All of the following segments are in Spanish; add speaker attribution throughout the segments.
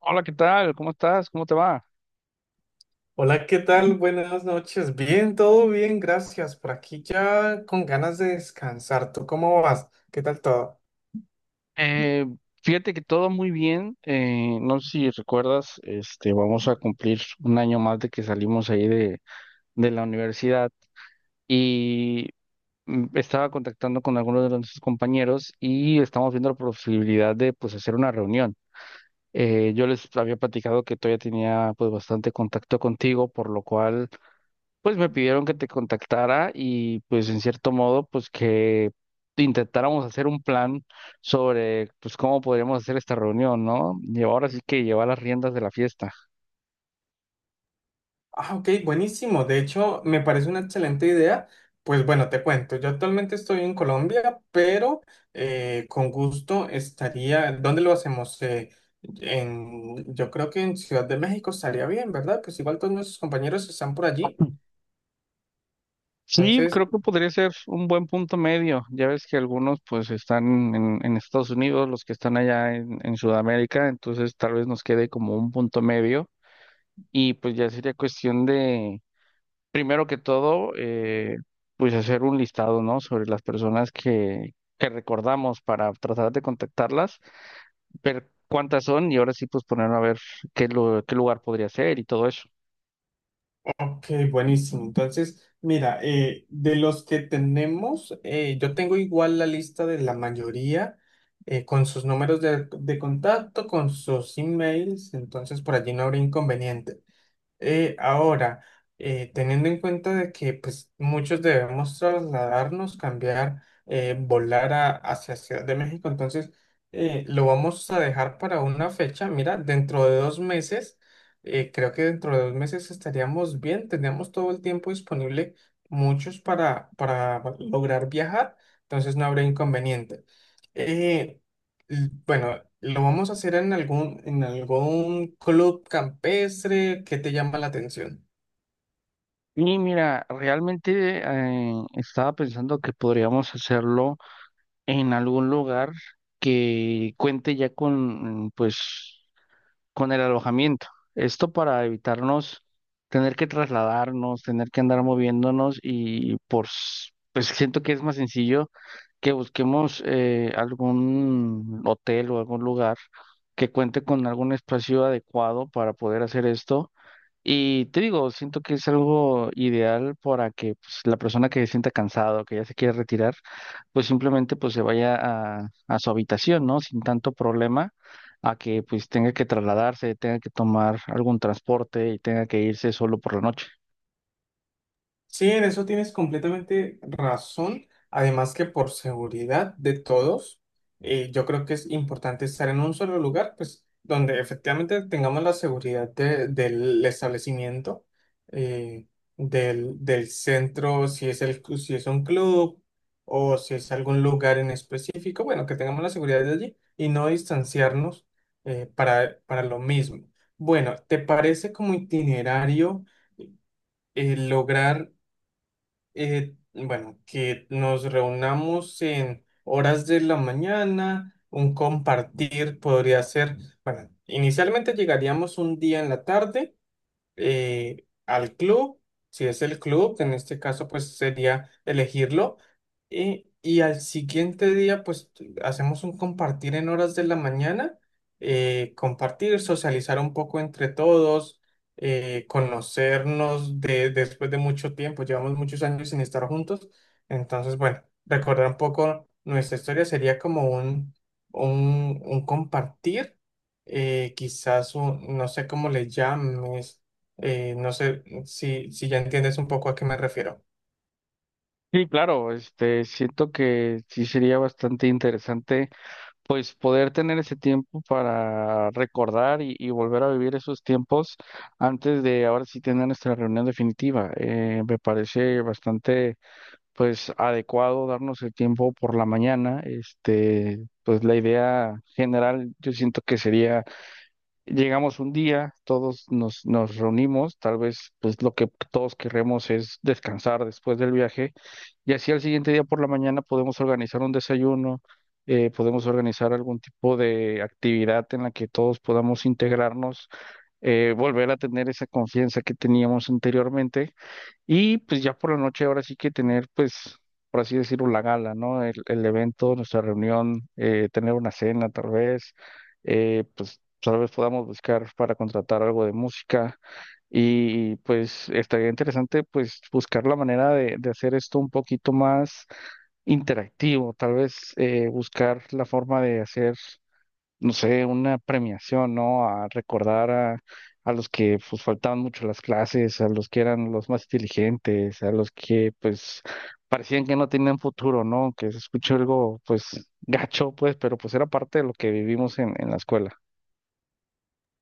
Speaker 1: Hola, ¿qué tal? ¿Cómo estás? ¿Cómo te va?
Speaker 2: Hola, ¿qué tal? Buenas noches. Bien, todo bien, gracias. Por aquí ya con ganas de descansar. ¿Tú cómo vas? ¿Qué tal todo?
Speaker 1: Eh, fíjate que todo muy bien. No sé si recuerdas, este, vamos a cumplir un año más de que salimos ahí de la universidad y estaba contactando con algunos de nuestros compañeros y estamos viendo la posibilidad de pues hacer una reunión. Yo les había platicado que todavía tenía pues bastante contacto contigo, por lo cual pues me pidieron que te contactara y pues en cierto modo pues que intentáramos hacer un plan sobre pues cómo podríamos hacer esta reunión, ¿no? Y ahora sí que llevar las riendas de la fiesta.
Speaker 2: Ah, ok, buenísimo. De hecho, me parece una excelente idea. Pues bueno, te cuento, yo actualmente estoy en Colombia, pero con gusto estaría, ¿dónde lo hacemos? Yo creo que en Ciudad de México estaría bien, ¿verdad? Pues igual todos nuestros compañeros están por allí.
Speaker 1: Sí,
Speaker 2: Entonces,
Speaker 1: creo que podría ser un buen punto medio. Ya ves que algunos pues están en Estados Unidos, los que están allá en Sudamérica, entonces tal vez nos quede como un punto medio y pues ya sería cuestión de... Primero que todo, pues hacer un listado, ¿no? Sobre las personas que recordamos para tratar de contactarlas, ver cuántas son y ahora sí pues ponernos a ver qué, qué lugar podría ser y todo eso.
Speaker 2: Ok, buenísimo. Entonces, mira, de los que tenemos, yo tengo igual la lista de la mayoría con sus números de contacto, con sus emails, entonces por allí no habrá inconveniente. Eh, ahora, teniendo en cuenta de que pues, muchos debemos trasladarnos, cambiar, volar hacia Ciudad de México, entonces lo vamos a dejar para una fecha. Mira, dentro de dos meses, creo que dentro de dos meses estaríamos bien, tenemos todo el tiempo disponible, muchos para lograr viajar, entonces no habrá inconveniente. Eh, Bueno, lo vamos a hacer en algún club campestre. ¿Qué te llama la atención?
Speaker 1: Y mira, realmente estaba pensando que podríamos hacerlo en algún lugar que cuente ya con, pues, con el alojamiento. Esto para evitarnos tener que trasladarnos, tener que andar moviéndonos y por, pues siento que es más sencillo que busquemos algún hotel o algún lugar que cuente con algún espacio adecuado para poder hacer esto y te digo, siento que es algo ideal para que pues, la persona que se sienta cansado, que ya se quiere retirar, pues simplemente pues se vaya a su habitación, ¿no? Sin tanto problema, a que pues tenga que trasladarse, tenga que tomar algún transporte y tenga que irse solo por la noche.
Speaker 2: Sí, en eso tienes completamente razón. Además que por seguridad de todos, yo creo que es importante estar en un solo lugar, pues donde efectivamente tengamos la seguridad del establecimiento, eh, del centro, si es el, si es un club o si es algún lugar en específico, bueno, que tengamos la seguridad de allí y no distanciarnos para lo mismo. Bueno, ¿te parece como itinerario? Lograr bueno, que nos reunamos en horas de la mañana, un compartir podría ser, bueno, inicialmente llegaríamos un día en la tarde al club, si es el club, que en este caso pues sería elegirlo, y al siguiente día pues hacemos un compartir en horas de la mañana, compartir, socializar un poco entre todos, conocernos después de mucho tiempo, llevamos muchos años sin estar juntos, entonces bueno, recordar un poco nuestra historia sería como un compartir. Quizás un, no sé cómo le llames, no sé si, si ya entiendes un poco a qué me refiero.
Speaker 1: Sí, claro, este, siento que sí sería bastante interesante pues poder tener ese tiempo para recordar y volver a vivir esos tiempos antes de ahora sí tener nuestra reunión definitiva. Me parece bastante pues adecuado darnos el tiempo por la mañana. Este, pues la idea general yo siento que sería: llegamos un día, todos nos reunimos, tal vez pues lo que todos queremos es descansar después del viaje y así al siguiente día por la mañana podemos organizar un desayuno, podemos organizar algún tipo de actividad en la que todos podamos integrarnos, volver a tener esa confianza que teníamos anteriormente y pues ya por la noche ahora sí que tener, pues, por así decirlo, la gala, ¿no? El evento, nuestra reunión, tener una cena tal vez, pues tal vez podamos buscar para contratar algo de música. Y pues estaría interesante pues buscar la manera de hacer esto un poquito más interactivo, tal vez buscar la forma de hacer no sé, una premiación, ¿no? A recordar a los que pues faltaban mucho a las clases, a los que eran los más inteligentes, a los que pues parecían que no tenían futuro, ¿no? Que se escuchó algo pues gacho, pues, pero pues era parte de lo que vivimos en la escuela.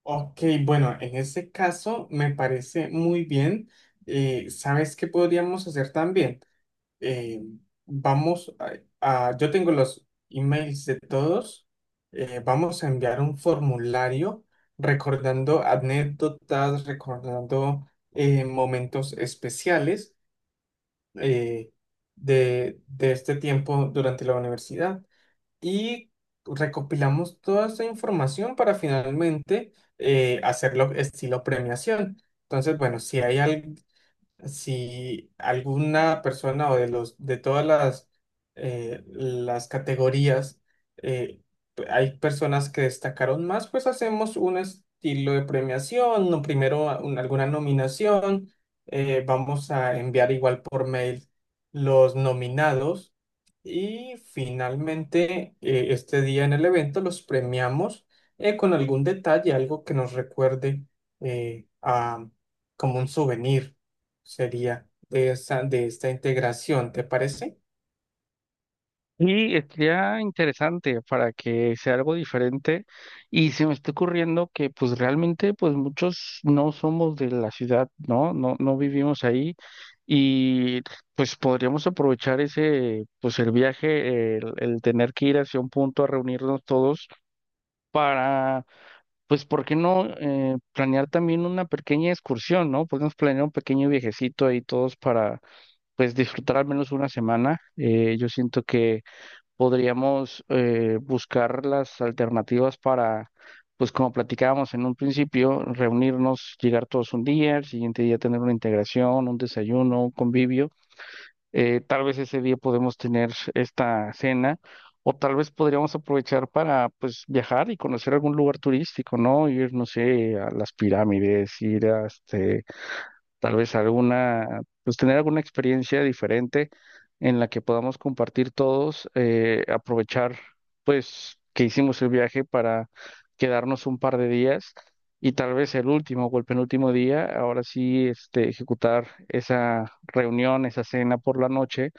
Speaker 2: Ok, bueno, en ese caso me parece muy bien. ¿Sabes qué podríamos hacer también? Eh, Vamos yo tengo los emails de todos. Vamos a enviar un formulario recordando anécdotas, recordando momentos especiales eh, de este tiempo durante la universidad y recopilamos toda esta información para finalmente hacerlo estilo premiación. Entonces, bueno, si alguna persona o de los de todas las categorías, eh, hay personas que destacaron más, pues hacemos un estilo de premiación, no primero alguna nominación, vamos a enviar igual por mail los nominados y finalmente este día en el evento los premiamos con algún detalle, algo que nos recuerde a como un souvenir sería de esta integración, ¿te parece?
Speaker 1: Y sería interesante para que sea algo diferente. Y se me está ocurriendo que pues realmente pues muchos no somos de la ciudad, ¿no? No, no vivimos ahí. Y pues podríamos aprovechar ese, pues el viaje, el tener que ir hacia un punto a reunirnos todos para, pues, ¿por qué no planear también una pequeña excursión, ¿no? Podemos planear un pequeño viajecito ahí todos para, pues, disfrutar al menos una semana. Yo siento que podríamos buscar las alternativas para, pues como platicábamos en un principio, reunirnos, llegar todos un día, el siguiente día tener una integración, un desayuno, un convivio. Tal vez ese día podemos tener esta cena o tal vez podríamos aprovechar para pues viajar y conocer algún lugar turístico, ¿no? Ir, no sé, a las pirámides, ir a, este, tal vez alguna, pues tener alguna experiencia diferente en la que podamos compartir todos, aprovechar pues que hicimos el viaje para quedarnos un par de días y tal vez el último o el penúltimo día, ahora sí, este, ejecutar esa reunión, esa cena por la noche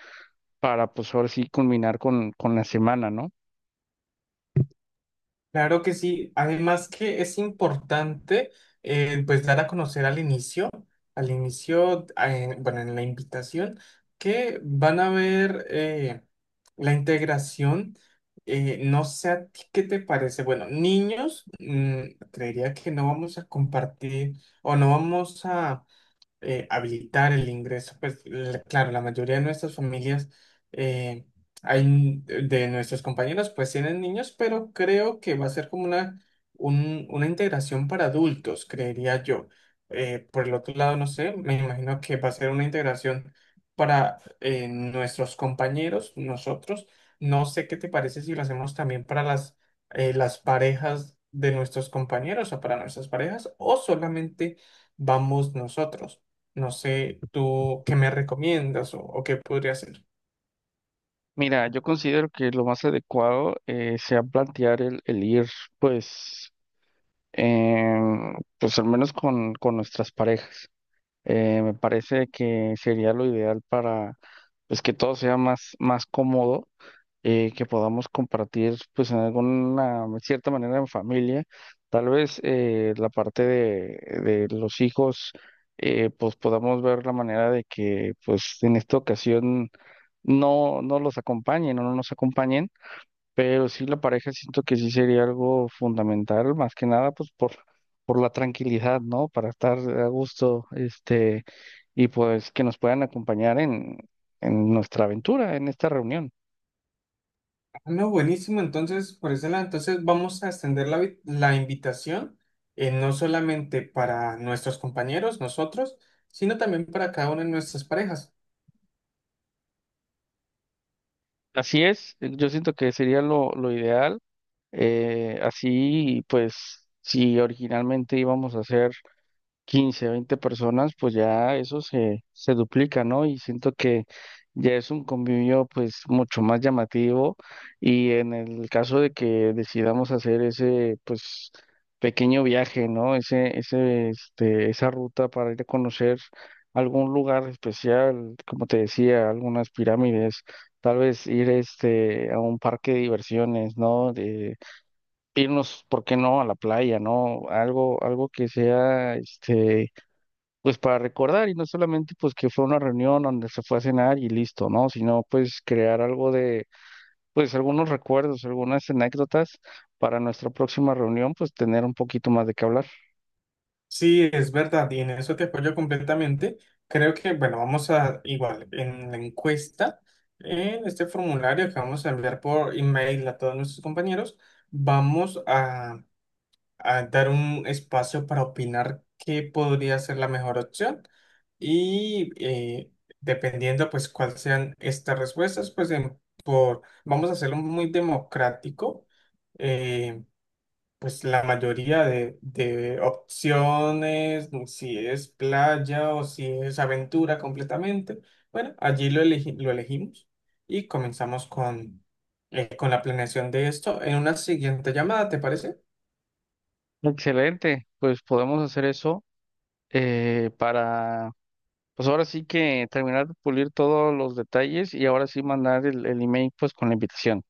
Speaker 1: para pues ahora sí culminar con la semana, ¿no?
Speaker 2: Claro que sí. Además que es importante, pues dar a conocer al inicio, bueno, en la invitación, que van a ver la integración. No sé a ti qué te parece. Bueno, niños, mm, creería que no vamos a compartir o no vamos a habilitar el ingreso. Pues claro, la mayoría de nuestras familias, eh, de nuestros compañeros, pues tienen niños, pero creo que va a ser como una integración para adultos, creería yo. Por el otro lado, no sé, me imagino que va a ser una integración para nuestros compañeros, nosotros. No sé qué te parece si lo hacemos también para las parejas de nuestros compañeros o para nuestras parejas o solamente vamos nosotros. No sé, tú qué me recomiendas o qué podría hacer.
Speaker 1: Mira, yo considero que lo más adecuado sea plantear el ir, pues em, pues al menos con nuestras parejas. Me parece que sería lo ideal para pues que todo sea más, más cómodo, que podamos compartir pues en alguna cierta manera en familia. Tal vez la parte de los hijos pues podamos ver la manera de que pues en esta ocasión no, no los acompañen o no nos acompañen pero sí, la pareja siento que sí sería algo fundamental, más que nada, pues por la tranquilidad, ¿no? Para estar a gusto, este, y pues que nos puedan acompañar en nuestra aventura, en esta reunión.
Speaker 2: Ah, no, buenísimo. Entonces, por ese lado, entonces vamos a extender la invitación, no solamente para nuestros compañeros, nosotros, sino también para cada una de nuestras parejas.
Speaker 1: Así es, yo siento que sería lo ideal. Así, pues, si originalmente íbamos a hacer 15, 20 personas, pues ya eso se duplica, ¿no? Y siento que ya es un convivio pues mucho más llamativo y en el caso de que decidamos hacer ese pues pequeño viaje, ¿no? Este, esa ruta para ir a conocer algún lugar especial, como te decía, algunas pirámides, tal vez ir este a un parque de diversiones, ¿no? De, irnos, ¿por qué no?, a la playa, ¿no? Algo, algo que sea, este, pues para recordar y no solamente pues que fue una reunión donde se fue a cenar y listo, ¿no? Sino pues crear algo de, pues algunos recuerdos, algunas anécdotas para nuestra próxima reunión, pues tener un poquito más de qué hablar.
Speaker 2: Sí, es verdad, y en eso te apoyo completamente. Creo que, bueno, vamos a, igual, en la encuesta, en este formulario que vamos a enviar por email a todos nuestros compañeros, vamos a dar un espacio para opinar qué podría ser la mejor opción y dependiendo pues cuáles sean estas respuestas, vamos a hacerlo muy democrático, eh, pues la mayoría de opciones, si es playa o si es aventura completamente, bueno, lo elegimos y comenzamos con la planeación de esto en una siguiente llamada, ¿te parece?
Speaker 1: Excelente, pues podemos hacer eso para, pues ahora sí que terminar de pulir todos los detalles y ahora sí mandar el email pues con la invitación.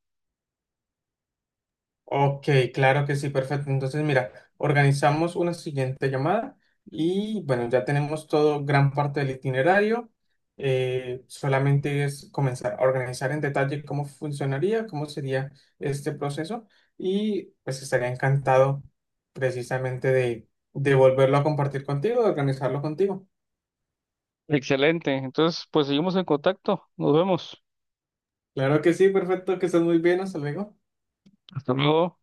Speaker 2: Ok, claro que sí, perfecto. Entonces, mira, organizamos una siguiente llamada y bueno, ya tenemos todo, gran parte del itinerario. Solamente es comenzar a organizar en detalle cómo funcionaría, cómo sería este proceso y pues estaría encantado precisamente de volverlo a compartir contigo, de organizarlo contigo.
Speaker 1: Excelente, entonces pues seguimos en contacto, nos vemos.
Speaker 2: Claro que sí, perfecto, que estés muy bien, hasta luego.
Speaker 1: Hasta luego.